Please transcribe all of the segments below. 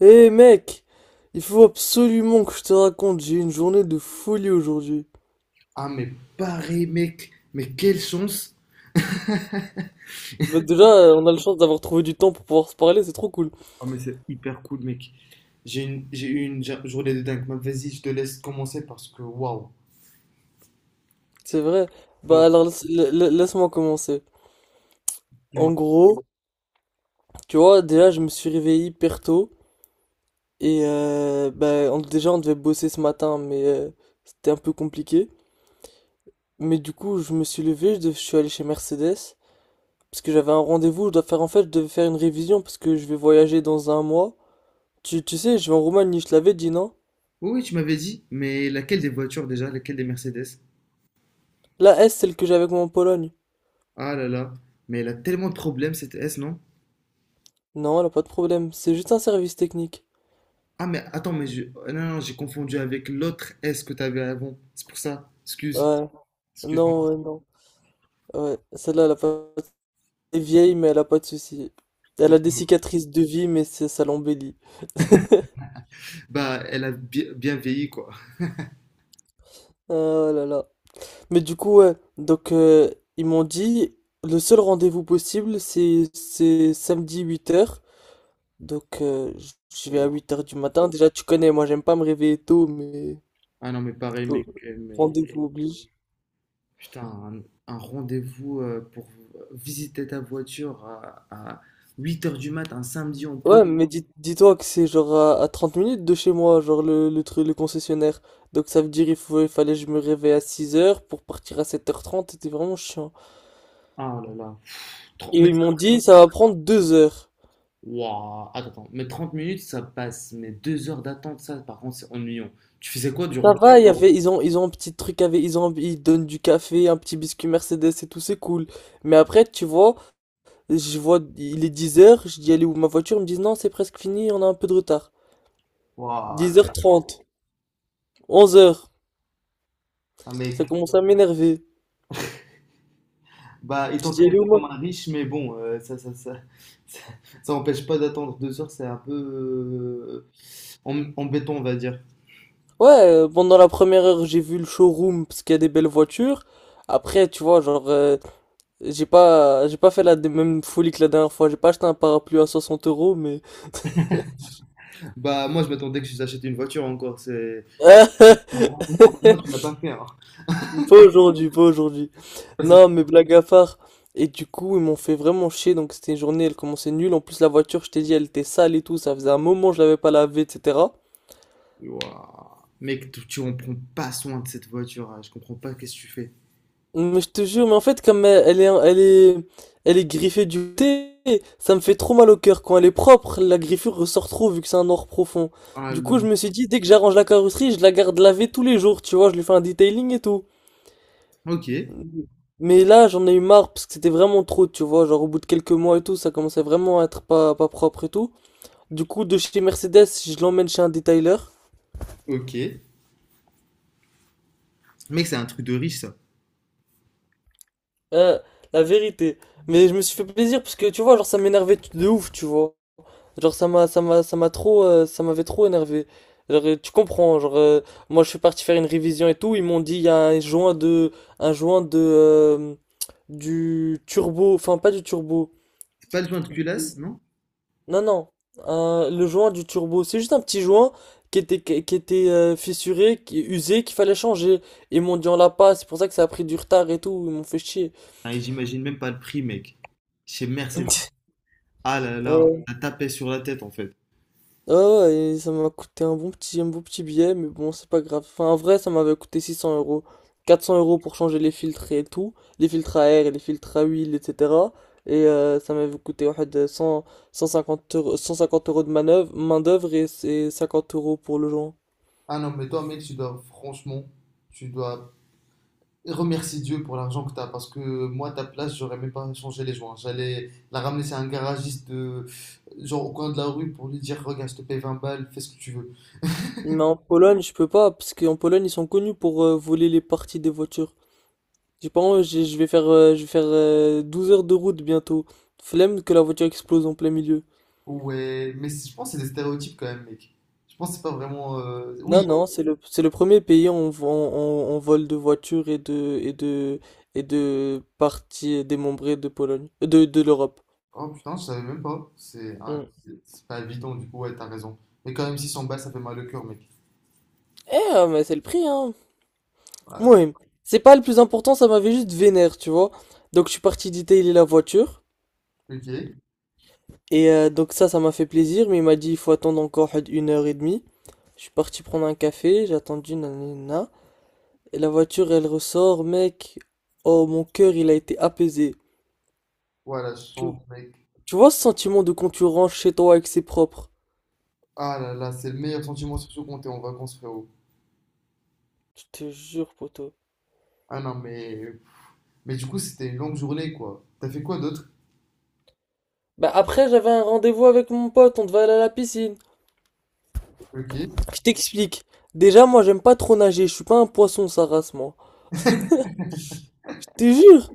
Hé mec, il faut absolument que je te raconte, j'ai eu une journée de folie aujourd'hui. Ah, mais pareil, mec. Mais quelle chance. Bah déjà, on a la chance d'avoir trouvé du temps pour pouvoir se parler, c'est trop cool. Ah, mais c'est hyper cool, mec. J'ai eu une journée de dingue. Mais vas-y, je te laisse commencer parce que waouh. C'est vrai. Ouais, Bah alors, laisse-moi commencer. dis-moi. En gros, tu vois, déjà, je me suis réveillé hyper tôt. Et bah, déjà, on devait bosser ce matin, mais c'était un peu compliqué. Mais du coup, je me suis levé, je suis allé chez Mercedes. Parce que j'avais un rendez-vous, je dois faire en fait, je devais faire une révision parce que je vais voyager dans un mois. Tu sais, je vais en Roumanie, je te l'avais dit, non? Oui, oui, tu m'avais dit, mais laquelle des voitures déjà? Laquelle des Mercedes? La S, celle que j'avais avec moi en Pologne. Ah là là. Mais elle a tellement de problèmes, cette S, non? Non, elle a pas de problème. C'est juste un service technique. Ah, mais attends, mais ah, non, non, j'ai confondu avec l'autre S que t'avais avant. C'est pour ça. Excuse. Ouais. Excuse-moi. Non, ouais, non. Ouais. Celle-là, elle a pas. Elle est vieille, mais elle a pas de soucis. Elle a des cicatrices de vie, mais ça l'embellit. Bah, elle a bien vieilli, quoi. Ah, oh là là. Mais du coup, ouais. Donc, ils m'ont dit, le seul rendez-vous possible, c'est samedi 8h. Donc, je vais à Wow. 8h du matin. Déjà, tu connais, moi, j'aime pas me réveiller tôt, mais, Ah non, mais pareil, oh, mec. Mais. rendez-vous oblige. Putain, un rendez-vous pour visiter ta voiture à 8 heures du mat, un samedi en plus. Ouais, mais dis-toi que c'est genre à 30 minutes de chez moi, genre le truc, le concessionnaire. Donc ça veut dire il fallait que je me réveille à 6h pour partir à 7h30, c'était vraiment chiant. Ah oh là là. Trente Et mais. ils m'ont dit ça va prendre 2 heures. Ouah, attends, attends. Mais 30 minutes, ça passe. Mais 2 heures d'attente, ça, par contre, c'est ennuyant. Tu faisais quoi durant Ça tout? va, il y avait, ils ont un petit truc avec, ils donnent du café, un petit biscuit Mercedes et tout, c'est cool. Mais après, tu vois, je vois, il est 10h. Je dis, allez, où ma voiture? Ils me disent non, c'est presque fini, on a un peu de retard. dix Voilà, heures trente 11h, mec. ça commence à m'énerver. Bah, Je étant dis, traité allez où moi? comme un riche, mais bon, ça, ça empêche pas d'attendre 2 heures, c'est un peu embêtant, on va dire. Ouais, pendant la première heure, j'ai vu le showroom parce qu'il y a des belles voitures. Après, tu vois, genre, j'ai pas fait la même folie que la dernière fois. J'ai pas acheté un parapluie à 60 euros, mais Bah, moi, je m'attendais que j'achète une voiture encore. C'est. Moi, tu l'as pas fait, hein. pas aujourd'hui, pas aujourd'hui. Non, mais blague à part. Et du coup, ils m'ont fait vraiment chier. Donc c'était une journée, elle commençait nulle. En plus, la voiture, je t'ai dit, elle était sale et tout. Ça faisait un moment, je l'avais pas lavée, etc. Wouah. Mec, tu en prends pas soin de cette voiture, hein. Je comprends pas qu'est-ce que tu fais. Mais je te jure, mais en fait, comme elle est griffée du thé, ça me fait trop mal au cœur. Quand elle est propre, la griffure ressort trop vu que c'est un or profond. Ah Du coup, là. je me suis dit, dès que j'arrange la carrosserie, je la garde lavée tous les jours, tu vois, je lui fais un detailing et tout. Ok, Mais là, j'en ai eu marre parce que c'était vraiment trop, tu vois, genre au bout de quelques mois et tout, ça commençait vraiment à être pas propre et tout. Du coup, de chez Mercedes, je l'emmène chez un detailer. ok. Mec, c'est un truc de riche, ça. Euh, la vérité. Mais je me suis fait plaisir parce que, tu vois, genre ça m'énervait de ouf, tu vois. Genre ça m'avait trop énervé. Genre, tu comprends, genre moi je suis parti faire une révision et tout, ils m'ont dit il y a un joint de du turbo, enfin pas du turbo. C'est pas le joint de Du- culasse, non? Non, non, le joint du turbo, c'est juste un petit joint qui était fissuré, qui usé, qu'il fallait changer. Ils m'ont dit on l'a pas, c'est pour ça que ça a pris du retard et tout, ils m'ont fait chier. Ah, et j'imagine même pas le prix, mec. Chez Mercedes. Ah là là, on t'a tapé sur la tête, en fait. Ah ouais, et ça m'a coûté un bon petit billet, mais bon, c'est pas grave. Enfin, en vrai, ça m'avait coûté 600 euros. 400 euros pour changer les filtres et tout, les filtres à air et les filtres à huile, etc. Et ça m'avait coûté en واحد 100, 150 euros, 150 euros de main-d'œuvre et, c'est 50 euros pour le joint. Ah non, mais toi, mec, franchement, tu dois remercier Dieu pour l'argent que t'as, parce que moi, à ta place, j'aurais même pas changé les joints. J'allais la ramener chez un garagiste, genre au coin de la rue, pour lui dire, regarde, je te paye 20 balles, fais ce que tu veux. Mais en Pologne, je peux pas, parce qu'en Pologne, ils sont connus pour voler les parties des voitures. J'ai pas envie, je vais faire 12 heures de route bientôt. Flemme que la voiture explose en plein milieu. Ouais, mais je pense que c'est des stéréotypes quand même, mec. Je pense que c'est pas vraiment. Non, Oui. non, c'est le premier pays où on vole de voitures et de parties démembrées de l'Europe. Oh putain, je savais même pas. C'est, hein, Mm. c'est pas évident, du coup, ouais, t'as raison. Mais quand même, si s'en bat, ça fait mal au cœur, mec. Eh, mais c'est le prix, hein. Voilà. Oui, c'est pas le plus important, ça m'avait juste vénère, tu vois. Donc je suis parti détailer la voiture, Ok. et donc ça m'a fait plaisir, mais il m'a dit il faut attendre encore une heure et demie. Je suis parti prendre un café, j'ai attendu, nanana. Et la voiture, elle ressort, mec. Oh, mon cœur, il a été apaisé. Voilà, je sens, mec. Tu vois ce sentiment de quand tu rentres chez toi avec ses propres. Ah là là, c'est le meilleur sentiment, surtout quand t'es en vacances, frérot. Je te jure, poteau. Ah non, mais. Mais du coup, c'était une longue journée, quoi. T'as fait quoi d'autre? Bah après, j'avais un rendez-vous avec mon pote, on devait aller à la piscine. Ok. Je t'explique. Déjà, moi, j'aime pas trop nager, je suis pas un poisson, ça race, moi. Je te jure.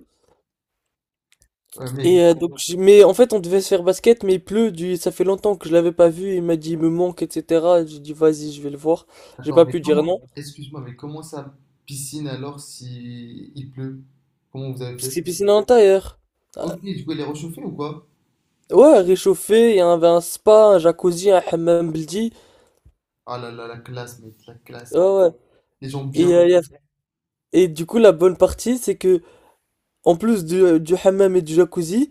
Mais. Et donc, mais en fait, on devait se faire basket, mais il pleut, ça fait longtemps que je l'avais pas vu, il m'a dit, il me manque, etc. J'ai dit, vas-y, je vais le voir. J'ai Attends, pas mais pu dire comment. non, Excuse-moi, mais comment ça piscine alors si il pleut? Comment vous avez parce que fait? c'est piscine à l'intérieur. Ah, Ok, du coup, elle est réchauffée ou quoi? ouais, réchauffé, il y avait un spa, un jacuzzi, un hammam baldi. Ah là là, la classe, mec, la Ouais, classe. ouais. Les gens bien. Et il y Et du coup, la bonne partie, c'est que, en plus du hammam et du jacuzzi,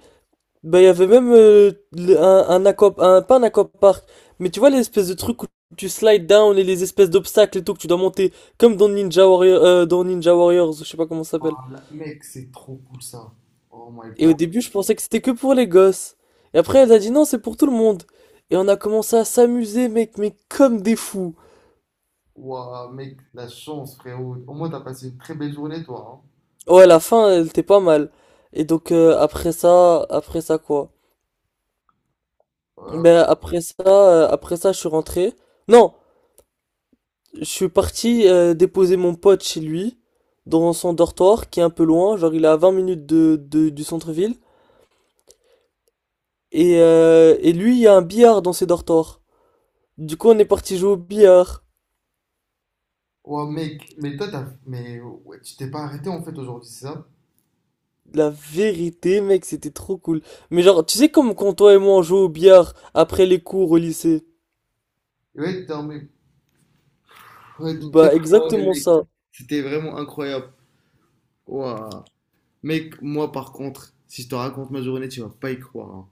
bah, il y avait même pas un aquapark, mais tu vois l'espèce de truc où tu slides down et les espèces d'obstacles et tout que tu dois monter, comme dans Ninja Warriors, ou je sais pas comment ça s'appelle. Mec, c'est trop cool ça. Oh my Et god. au début, je pensais que c'était que pour les gosses. Et après, elle a dit non, c'est pour tout le monde. Et on a commencé à s'amuser, mec, mais comme des fous. Waouh, mec, la chance, frérot. Au moins, t'as passé une très belle journée, toi, hein. Ouais, la fin, elle était pas mal. Et donc, après ça, quoi? Euh, Ben après ça, je suis rentré. Non, je suis parti déposer mon pote chez lui, dans son dortoir, qui est un peu loin, genre il est à 20 minutes du centre-ville. Et, lui, il y a un billard dans ses dortoirs. Du coup, on est parti jouer au billard. ouah, mec, mais toi, t'as. Mais ouais, tu t'es pas arrêté en fait aujourd'hui, c'est ça? La vérité, mec, c'était trop cool. Mais genre, tu sais comme quand toi et moi on joue au billard après les cours au lycée? Ouais, ouais, Bah oh, ouais, exactement mec, ça. c'était vraiment incroyable. Waouh. Mec, moi, par contre, si je te raconte ma journée, tu vas pas y croire, hein.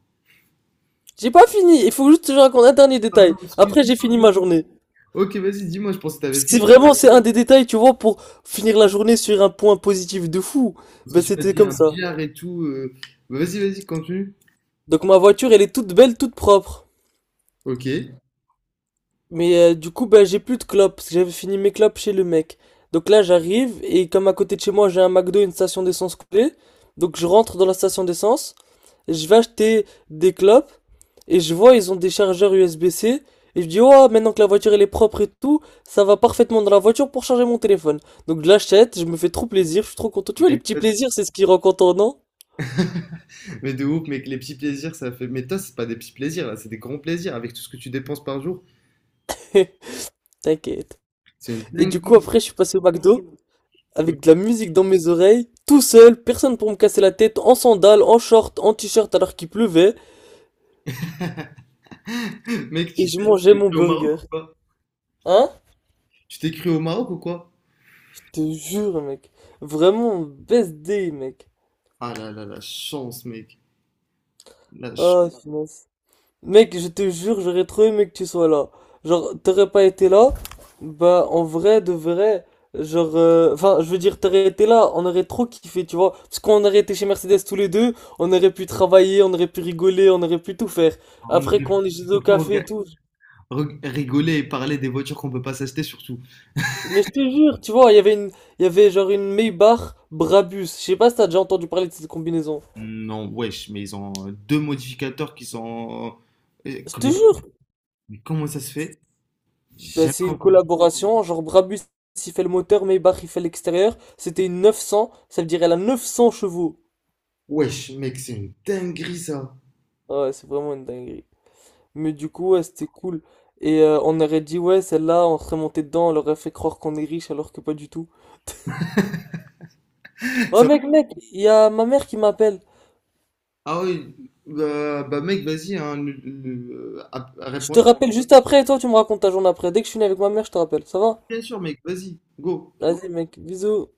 J'ai pas fini, il faut juste que je raconte un dernier Pardon, détail. excuse. Après, j'ai fini ma journée. Ok, vas-y, dis-moi, je pensais que t'avais Parce que fini. C'est un des détails, tu vois, pour finir la journée sur un point positif de fou. Parce Ben, que tu m'as c'était dit comme un ça. billard et tout. Vas-y, vas-y, continue. Donc, ma voiture, elle est toute belle, toute propre. OK. Mais du coup, ben, j'ai plus de clopes, parce que j'avais fini mes clopes chez le mec. Donc là, j'arrive, et comme à côté de chez moi, j'ai un McDo et une station d'essence coulée, donc je rentre dans la station d'essence, je vais acheter des clopes, et je vois, ils ont des chargeurs USB-C. Et je dis, oh, maintenant que la voiture elle est propre et tout, ça va parfaitement dans la voiture pour charger mon téléphone. Donc je l'achète, je me fais trop plaisir, je suis trop content. Tu vois, les Mais, petits plaisirs, c'est ce qui rend content, non? mais de ouf, mec, les petits plaisirs, ça fait. Mais toi, c'est pas des petits plaisirs, là, c'est des grands plaisirs avec tout ce que tu dépenses par jour. T'inquiète. C'est une Et du coup, dinguerie. après, je suis passé au McDo avec de la musique dans mes oreilles, tout seul, personne pour me casser la tête, en sandales, en short, en t-shirt alors qu'il pleuvait. Mec, tu Et je mangeais t'es mon cru au burger. Maroc ou pas? Hein? Tu t'es cru au Maroc ou quoi? Je te jure, mec. Vraiment, best day, mec. Ah là là, la chance, mec. La chance. Oh, finance. Mec, je te jure, j'aurais trop aimé que tu sois là. Genre, t'aurais pas été là, bah, en vrai, de vrai, genre, enfin, je veux dire, t'aurais été là, on aurait trop kiffé, tu vois. Parce qu'on aurait été chez Mercedes tous les deux, on aurait pu travailler, on aurait pu rigoler, on aurait pu tout faire. On Après, aurait. quand on est chez au Surtout, on café et aurait. tout. Rigoler et parler des voitures qu'on peut pas s'acheter, surtout. Mais je te jure, tu vois, il y avait genre une Maybach Brabus. Je sais pas si t'as déjà entendu parler de cette combinaison. Non, wesh, mais ils ont deux modificateurs qui sont. Je te Comment jure. mais comment ça se fait? J'ai Bah, jamais c'est une entendu. collaboration, genre Brabus il fait le moteur, Maybach il fait l'extérieur. C'était une 900, ça veut dire elle a 900 chevaux. Wesh, mec, c'est une dinguerie ça. Ah, ouais, c'est vraiment une dinguerie. Mais du coup, ouais, c'était cool. Et on aurait dit, ouais, celle-là, on serait monté dedans, on leur aurait fait croire qu'on est riche alors que pas du tout. Oh Ça mec, mec, il y a ma mère qui m'appelle. Ah oui, mec, vas-y, hein, Je te réponds-là. rappelle juste après et toi tu me racontes ta journée après. Dès que je finis avec ma mère, je te rappelle. Ça va? Bien sûr, mec, vas-y, go. Vas-y mec, bisous.